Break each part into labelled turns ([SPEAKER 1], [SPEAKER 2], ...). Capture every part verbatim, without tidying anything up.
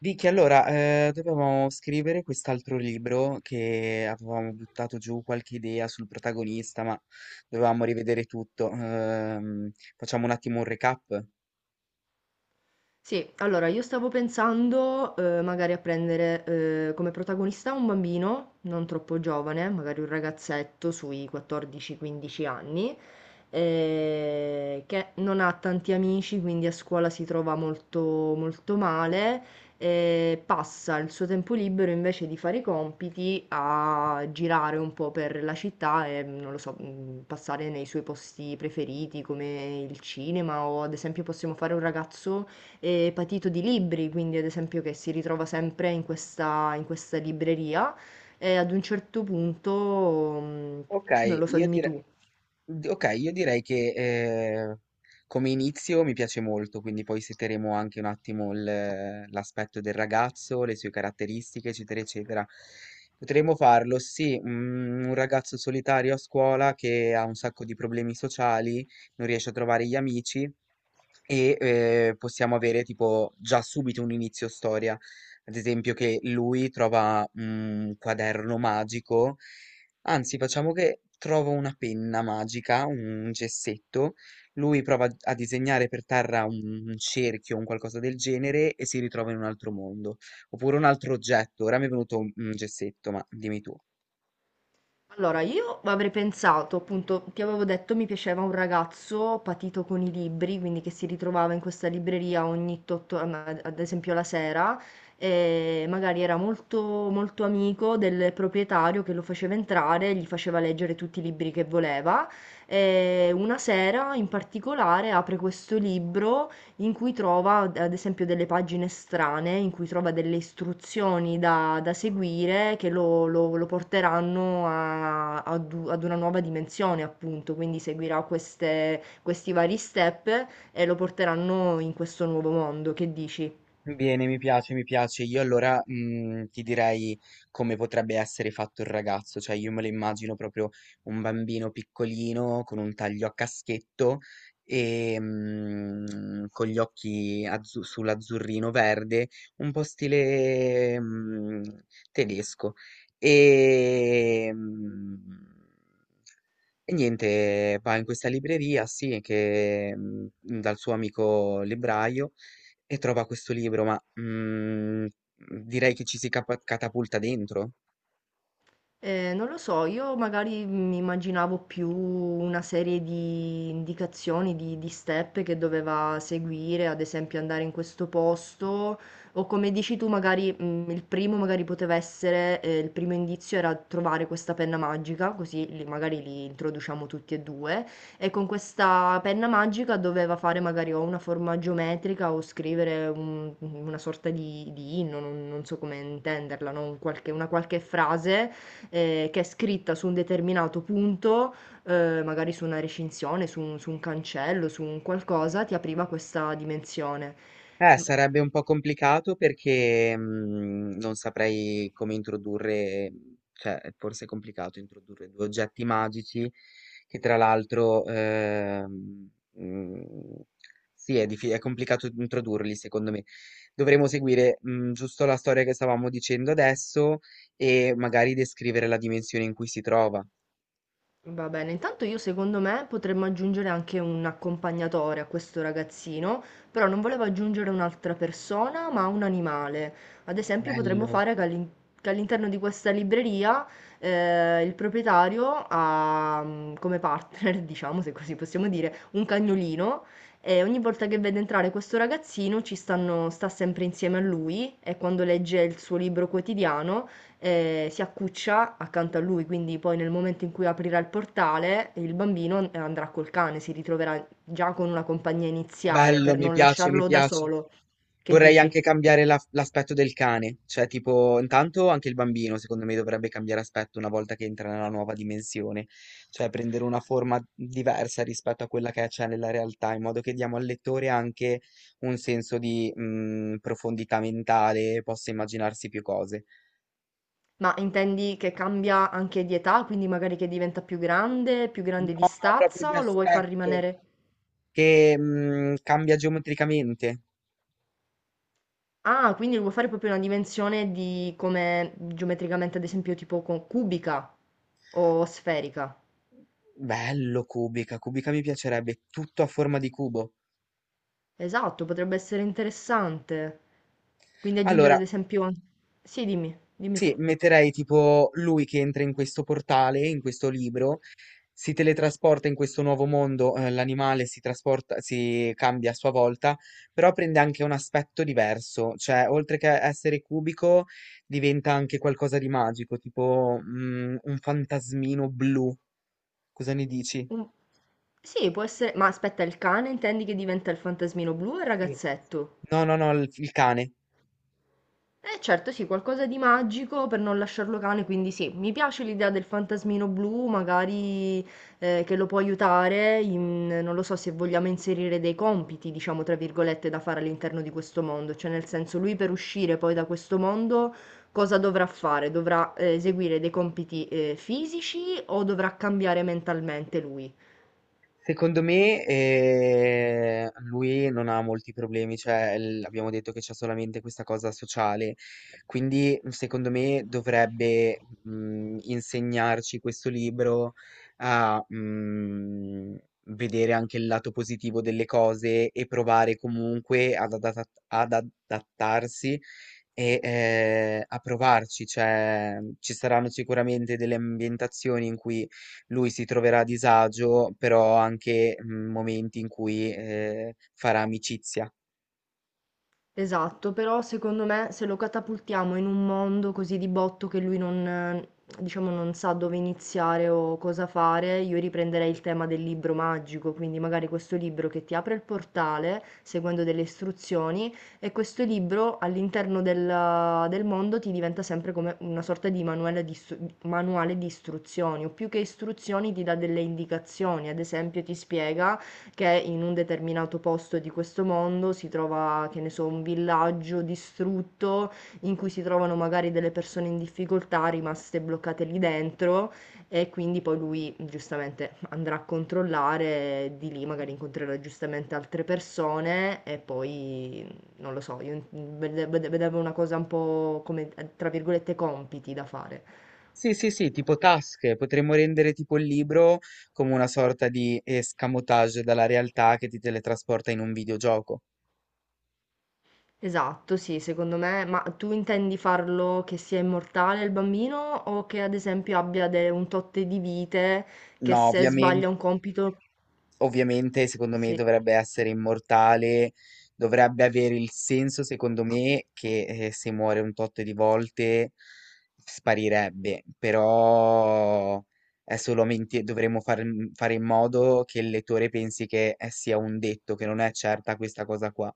[SPEAKER 1] Vicky, allora, eh, dovevamo scrivere quest'altro libro che avevamo buttato giù qualche idea sul protagonista, ma dovevamo rivedere tutto. Ehm, facciamo un attimo un recap.
[SPEAKER 2] Sì, allora io stavo pensando, ehm, magari a prendere, ehm, come protagonista un bambino, non troppo giovane, magari un ragazzetto sui quattordici o quindici anni, eh, che non ha tanti amici, quindi a scuola si trova molto, molto male e passa il suo tempo libero invece di fare i compiti a girare un po' per la città e, non lo so, mh, passare nei suoi posti preferiti come il cinema o ad esempio possiamo fare un ragazzo e patito di libri, quindi ad esempio che si ritrova sempre in questa, in questa libreria e ad un certo punto, mm,
[SPEAKER 1] Ok,
[SPEAKER 2] non lo so,
[SPEAKER 1] io
[SPEAKER 2] dimmi
[SPEAKER 1] direi.
[SPEAKER 2] tu.
[SPEAKER 1] D okay, io direi che, ehm, come inizio mi piace molto, quindi poi seteremo anche un attimo il l'aspetto del ragazzo, le sue caratteristiche, eccetera, eccetera. Potremmo farlo, sì, mhmm, un ragazzo solitario a scuola che ha un sacco di problemi sociali, non riesce a trovare gli amici e eh, possiamo avere tipo già subito un inizio storia. Ad esempio che lui trova mhmm, un quaderno magico, anzi facciamo che trova una penna magica, un gessetto, lui prova a disegnare per terra un, un cerchio, un qualcosa del genere e si ritrova in un altro mondo, oppure un altro oggetto. Ora mi è venuto un, un gessetto, ma dimmi tu.
[SPEAKER 2] Allora, io avrei pensato, appunto, ti avevo detto mi piaceva un ragazzo patito con i libri, quindi che si ritrovava in questa libreria ogni tot, ad esempio la sera, e magari era molto, molto amico del proprietario che lo faceva entrare, gli faceva leggere tutti i libri che voleva. E una sera in particolare apre questo libro in cui trova ad esempio delle pagine strane, in cui trova delle istruzioni da, da seguire che lo, lo- lo porteranno a- ad, u- ad una nuova dimensione, appunto. Quindi seguirà queste- questi vari step e lo porteranno in questo nuovo mondo. Che dici?
[SPEAKER 1] Bene, mi piace, mi piace. Io allora mm, ti direi come potrebbe essere fatto il ragazzo, cioè io me lo immagino proprio un bambino piccolino con un taglio a caschetto e mm, con gli occhi azzu- sull'azzurrino verde, un po' stile mm, tedesco. E, mm, e niente, va in questa libreria, sì, che mm, dal suo amico libraio e trova questo libro, ma, mhmm, direi che ci si capa catapulta dentro?
[SPEAKER 2] Eh, non lo so, io magari mi immaginavo più una serie di indicazioni, di, di step che doveva seguire, ad esempio andare in questo posto, o come dici tu, magari mm, il primo magari poteva essere, eh, il primo indizio era trovare questa penna magica, così li- magari li introduciamo tutti e due, e con questa penna magica doveva fare magari o una forma geometrica o scrivere un- una sorta di, di inno, non, non so come intenderla, no? Un qualche- una qualche frase eh, che è scritta su un determinato punto, eh, magari su una recinzione, su un, su un cancello, su un qualcosa, ti apriva questa dimensione.
[SPEAKER 1] Eh,
[SPEAKER 2] M-
[SPEAKER 1] sarebbe un po' complicato perché, mhmm, non saprei come introdurre cioè, forse è complicato introdurre due oggetti magici che tra l'altro, ehm, mhmm, sì, è diffi è complicato introdurli secondo me. Dovremmo seguire, mhmm, giusto la storia che stavamo dicendo adesso e magari descrivere la dimensione in cui si trova.
[SPEAKER 2] Va bene, intanto io secondo me potremmo aggiungere anche un accompagnatore a questo ragazzino, però non volevo aggiungere un'altra persona, ma un animale. Ad esempio potremmo
[SPEAKER 1] Bello.
[SPEAKER 2] fare che all'in- che all'interno di questa libreria eh, il proprietario ha mm, come partner, diciamo se così possiamo dire, un cagnolino e ogni volta che vede entrare questo ragazzino ci stanno, sta sempre insieme a lui e quando legge il suo libro quotidiano eh, si accuccia accanto a lui, quindi poi nel momento in cui aprirà il portale, il bambino eh, andrà col cane, si ritroverà già con una compagnia iniziale
[SPEAKER 1] Bello,
[SPEAKER 2] per
[SPEAKER 1] mi
[SPEAKER 2] non
[SPEAKER 1] piace, mi
[SPEAKER 2] lasciarlo da
[SPEAKER 1] piace.
[SPEAKER 2] solo. Che
[SPEAKER 1] Vorrei
[SPEAKER 2] dici?
[SPEAKER 1] anche cambiare la- l'aspetto del cane, cioè tipo, intanto anche il bambino secondo me dovrebbe cambiare aspetto una volta che entra nella nuova dimensione, cioè prendere una forma diversa rispetto a quella che c'è nella realtà, in modo che diamo al lettore anche un senso di mm, profondità mentale, possa immaginarsi più cose.
[SPEAKER 2] Ma intendi che cambia anche di età, quindi magari che diventa più grande, più
[SPEAKER 1] No,
[SPEAKER 2] grande di
[SPEAKER 1] no, proprio di
[SPEAKER 2] stazza, o lo vuoi far
[SPEAKER 1] aspetto
[SPEAKER 2] rimanere?
[SPEAKER 1] che mm, cambia geometricamente.
[SPEAKER 2] Ah, quindi lo vuoi fare proprio una dimensione di come geometricamente, ad esempio, tipo co- cubica o sferica?
[SPEAKER 1] Bello, cubica, cubica mi piacerebbe, tutto a forma di cubo.
[SPEAKER 2] Esatto, potrebbe essere interessante. Quindi aggiungere
[SPEAKER 1] Allora,
[SPEAKER 2] ad esempio an sì, dimmi, dimmi
[SPEAKER 1] sì,
[SPEAKER 2] tu.
[SPEAKER 1] metterei tipo lui che entra in questo portale, in questo libro, si teletrasporta in questo nuovo mondo, eh, l'animale si trasporta, si cambia a sua volta, però prende anche un aspetto diverso, cioè oltre che essere cubico diventa anche qualcosa di magico, tipo mm, un fantasmino blu. Cosa ne dici?
[SPEAKER 2] Un sì, può essere ma aspetta, il cane intendi che diventa il fantasmino blu o il
[SPEAKER 1] Sì.
[SPEAKER 2] ragazzetto?
[SPEAKER 1] No, no, no, il, il cane.
[SPEAKER 2] Eh certo, sì, qualcosa di magico per non lasciarlo cane, quindi sì, mi piace l'idea del fantasmino blu, magari eh, che lo può aiutare, in- non lo so se vogliamo inserire dei compiti, diciamo, tra virgolette, da fare all'interno di questo mondo, cioè nel senso lui per uscire poi da questo mondo cosa dovrà fare? Dovrà eh, eseguire dei compiti eh, fisici o dovrà cambiare mentalmente lui?
[SPEAKER 1] Secondo me, ehm, lui non ha molti problemi, cioè l abbiamo detto che c'ha solamente questa cosa sociale, quindi, mhmm, secondo me dovrebbe, mhmm, insegnarci questo libro a, mhmm, vedere anche il lato positivo delle cose e provare comunque ad adatat ad adattarsi e, ehm, a provarci. Cioè, ci saranno sicuramente delle ambientazioni in cui lui si troverà a disagio, però anche mm, momenti in cui eh, farà amicizia.
[SPEAKER 2] Esatto, però secondo me se lo catapultiamo in un mondo così di botto che lui non, eh, diciamo, non sa dove iniziare o cosa fare, io riprenderei il tema del libro magico, quindi magari questo libro che ti apre il portale seguendo delle istruzioni e questo libro all'interno del, del mondo ti diventa sempre come una sorta di manuale di, istru- manuale di istruzioni o più che istruzioni ti dà delle indicazioni, ad esempio ti spiega che in un determinato posto di questo mondo si trova, che ne so, un villaggio distrutto in cui si trovano magari delle persone in difficoltà rimaste bloccate lì dentro e quindi poi lui giustamente andrà a controllare, e di lì magari incontrerà giustamente altre persone e poi non lo so, io vede- vede- vedevo una cosa un po' come tra virgolette compiti da fare.
[SPEAKER 1] Sì, sì, sì, tipo tasche, potremmo rendere tipo il libro come una sorta di escamotage dalla realtà che ti teletrasporta in un videogioco.
[SPEAKER 2] Esatto, sì, secondo me. Ma tu intendi farlo che sia immortale il bambino o che ad esempio abbia de- un tot di vite che
[SPEAKER 1] No,
[SPEAKER 2] se
[SPEAKER 1] ovviamente.
[SPEAKER 2] sbaglia un compito.
[SPEAKER 1] Ovviamente secondo me
[SPEAKER 2] Sì,
[SPEAKER 1] dovrebbe essere immortale, dovrebbe avere il senso secondo me che eh, se muore un tot di volte sparirebbe, però è solamente dovremmo far- fare in modo che il lettore pensi che eh, sia un detto, che non è certa questa cosa qua.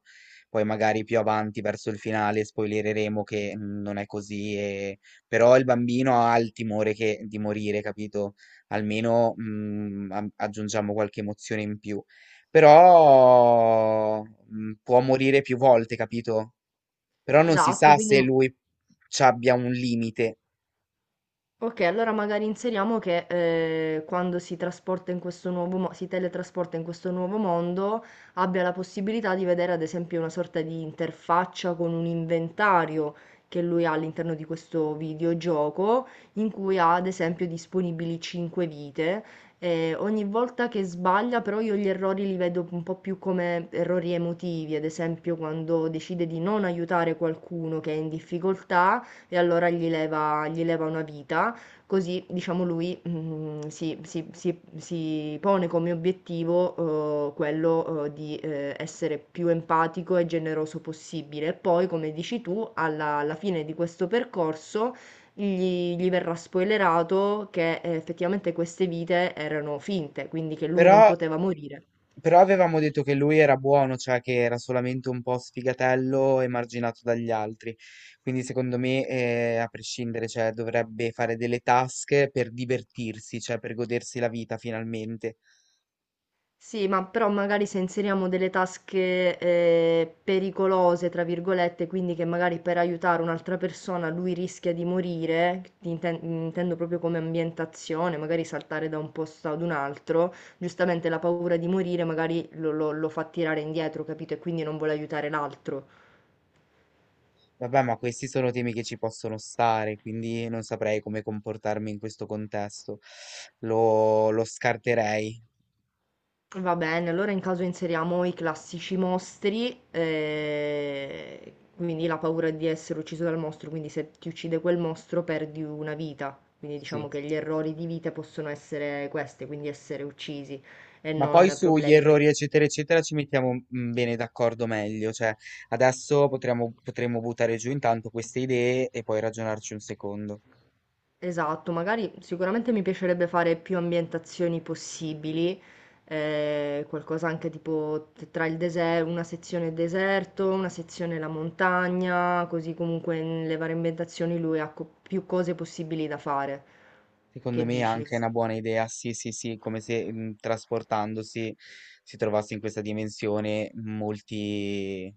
[SPEAKER 1] Poi magari più avanti verso il finale spoilereremo che mm, non è così, e- però il bambino ha il timore che- di morire, capito? Almeno mm, am- aggiungiamo qualche emozione in più. Però mm, può morire più volte, capito? Però non si
[SPEAKER 2] esatto,
[SPEAKER 1] sa se
[SPEAKER 2] quindi
[SPEAKER 1] lui ci abbia un limite.
[SPEAKER 2] ok, allora magari inseriamo che eh, quando si trasporta in questo nuovo mo- si teletrasporta in questo nuovo mondo, abbia la possibilità di vedere ad esempio una sorta di interfaccia con un inventario che lui ha all'interno di questo videogioco, in cui ha ad esempio disponibili cinque vite. E ogni volta che sbaglia, però io gli errori li vedo un po' più come errori emotivi, ad esempio quando decide di non aiutare qualcuno che è in difficoltà e allora gli leva, gli leva una vita. Così, diciamo, lui, mhmm, si si si si pone come obiettivo, uhm, quello, uhm, di, ehm, essere più empatico e generoso possibile. E poi, come dici tu, alla alla fine di questo percorso gli gli verrà spoilerato che eh, effettivamente queste vite erano finte, quindi che lui
[SPEAKER 1] Però,
[SPEAKER 2] non poteva morire.
[SPEAKER 1] però avevamo detto che lui era buono, cioè che era solamente un po' sfigatello e marginato dagli altri. Quindi secondo me, eh, a prescindere, cioè, dovrebbe fare delle task per divertirsi, cioè per godersi la vita finalmente.
[SPEAKER 2] Sì, ma però magari se inseriamo delle tasche eh, pericolose, tra virgolette, quindi che magari per aiutare un'altra persona lui rischia di morire, inten- intendo proprio come ambientazione, magari saltare da un posto ad un altro, giustamente la paura di morire magari lo, lo- lo fa tirare indietro, capito? E quindi non vuole aiutare l'altro.
[SPEAKER 1] Vabbè, ma questi sono temi che ci possono stare, quindi non saprei come comportarmi in questo contesto. Lo, lo scarterei,
[SPEAKER 2] Va bene, allora in caso inseriamo i classici mostri, eh, quindi la paura di essere ucciso dal mostro, quindi se ti uccide quel mostro perdi una vita, quindi
[SPEAKER 1] sì.
[SPEAKER 2] diciamo che gli errori di vita possono essere questi, quindi essere uccisi e
[SPEAKER 1] Ma poi
[SPEAKER 2] non
[SPEAKER 1] sugli
[SPEAKER 2] problemi.
[SPEAKER 1] errori, eccetera, eccetera, ci mettiamo mm, bene d'accordo meglio. Cioè, adesso potremmo, potremmo buttare giù intanto queste idee e poi ragionarci un secondo.
[SPEAKER 2] Esatto, magari sicuramente mi piacerebbe fare più ambientazioni possibili, eh, qualcosa anche tipo t- tra il deserto, una sezione deserto, una sezione la montagna, così comunque nelle varie ambientazioni lui ha co- più cose possibili da fare.
[SPEAKER 1] Secondo
[SPEAKER 2] Che
[SPEAKER 1] me è
[SPEAKER 2] dici?
[SPEAKER 1] anche una buona idea, sì, sì, sì, come se mm, trasportandosi si trovasse in questa dimensione molti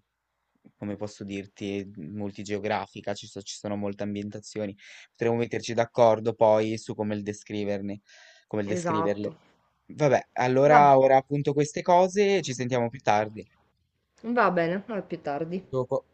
[SPEAKER 1] come posso dirti, multigeografica, ci so- ci sono molte ambientazioni. Potremmo metterci d'accordo poi su come il descriverne, come il descriverle.
[SPEAKER 2] Esatto.
[SPEAKER 1] Vabbè,
[SPEAKER 2] Va,
[SPEAKER 1] allora ora appunto queste cose, ci sentiamo più tardi.
[SPEAKER 2] va bene, a più tardi.
[SPEAKER 1] Dopo.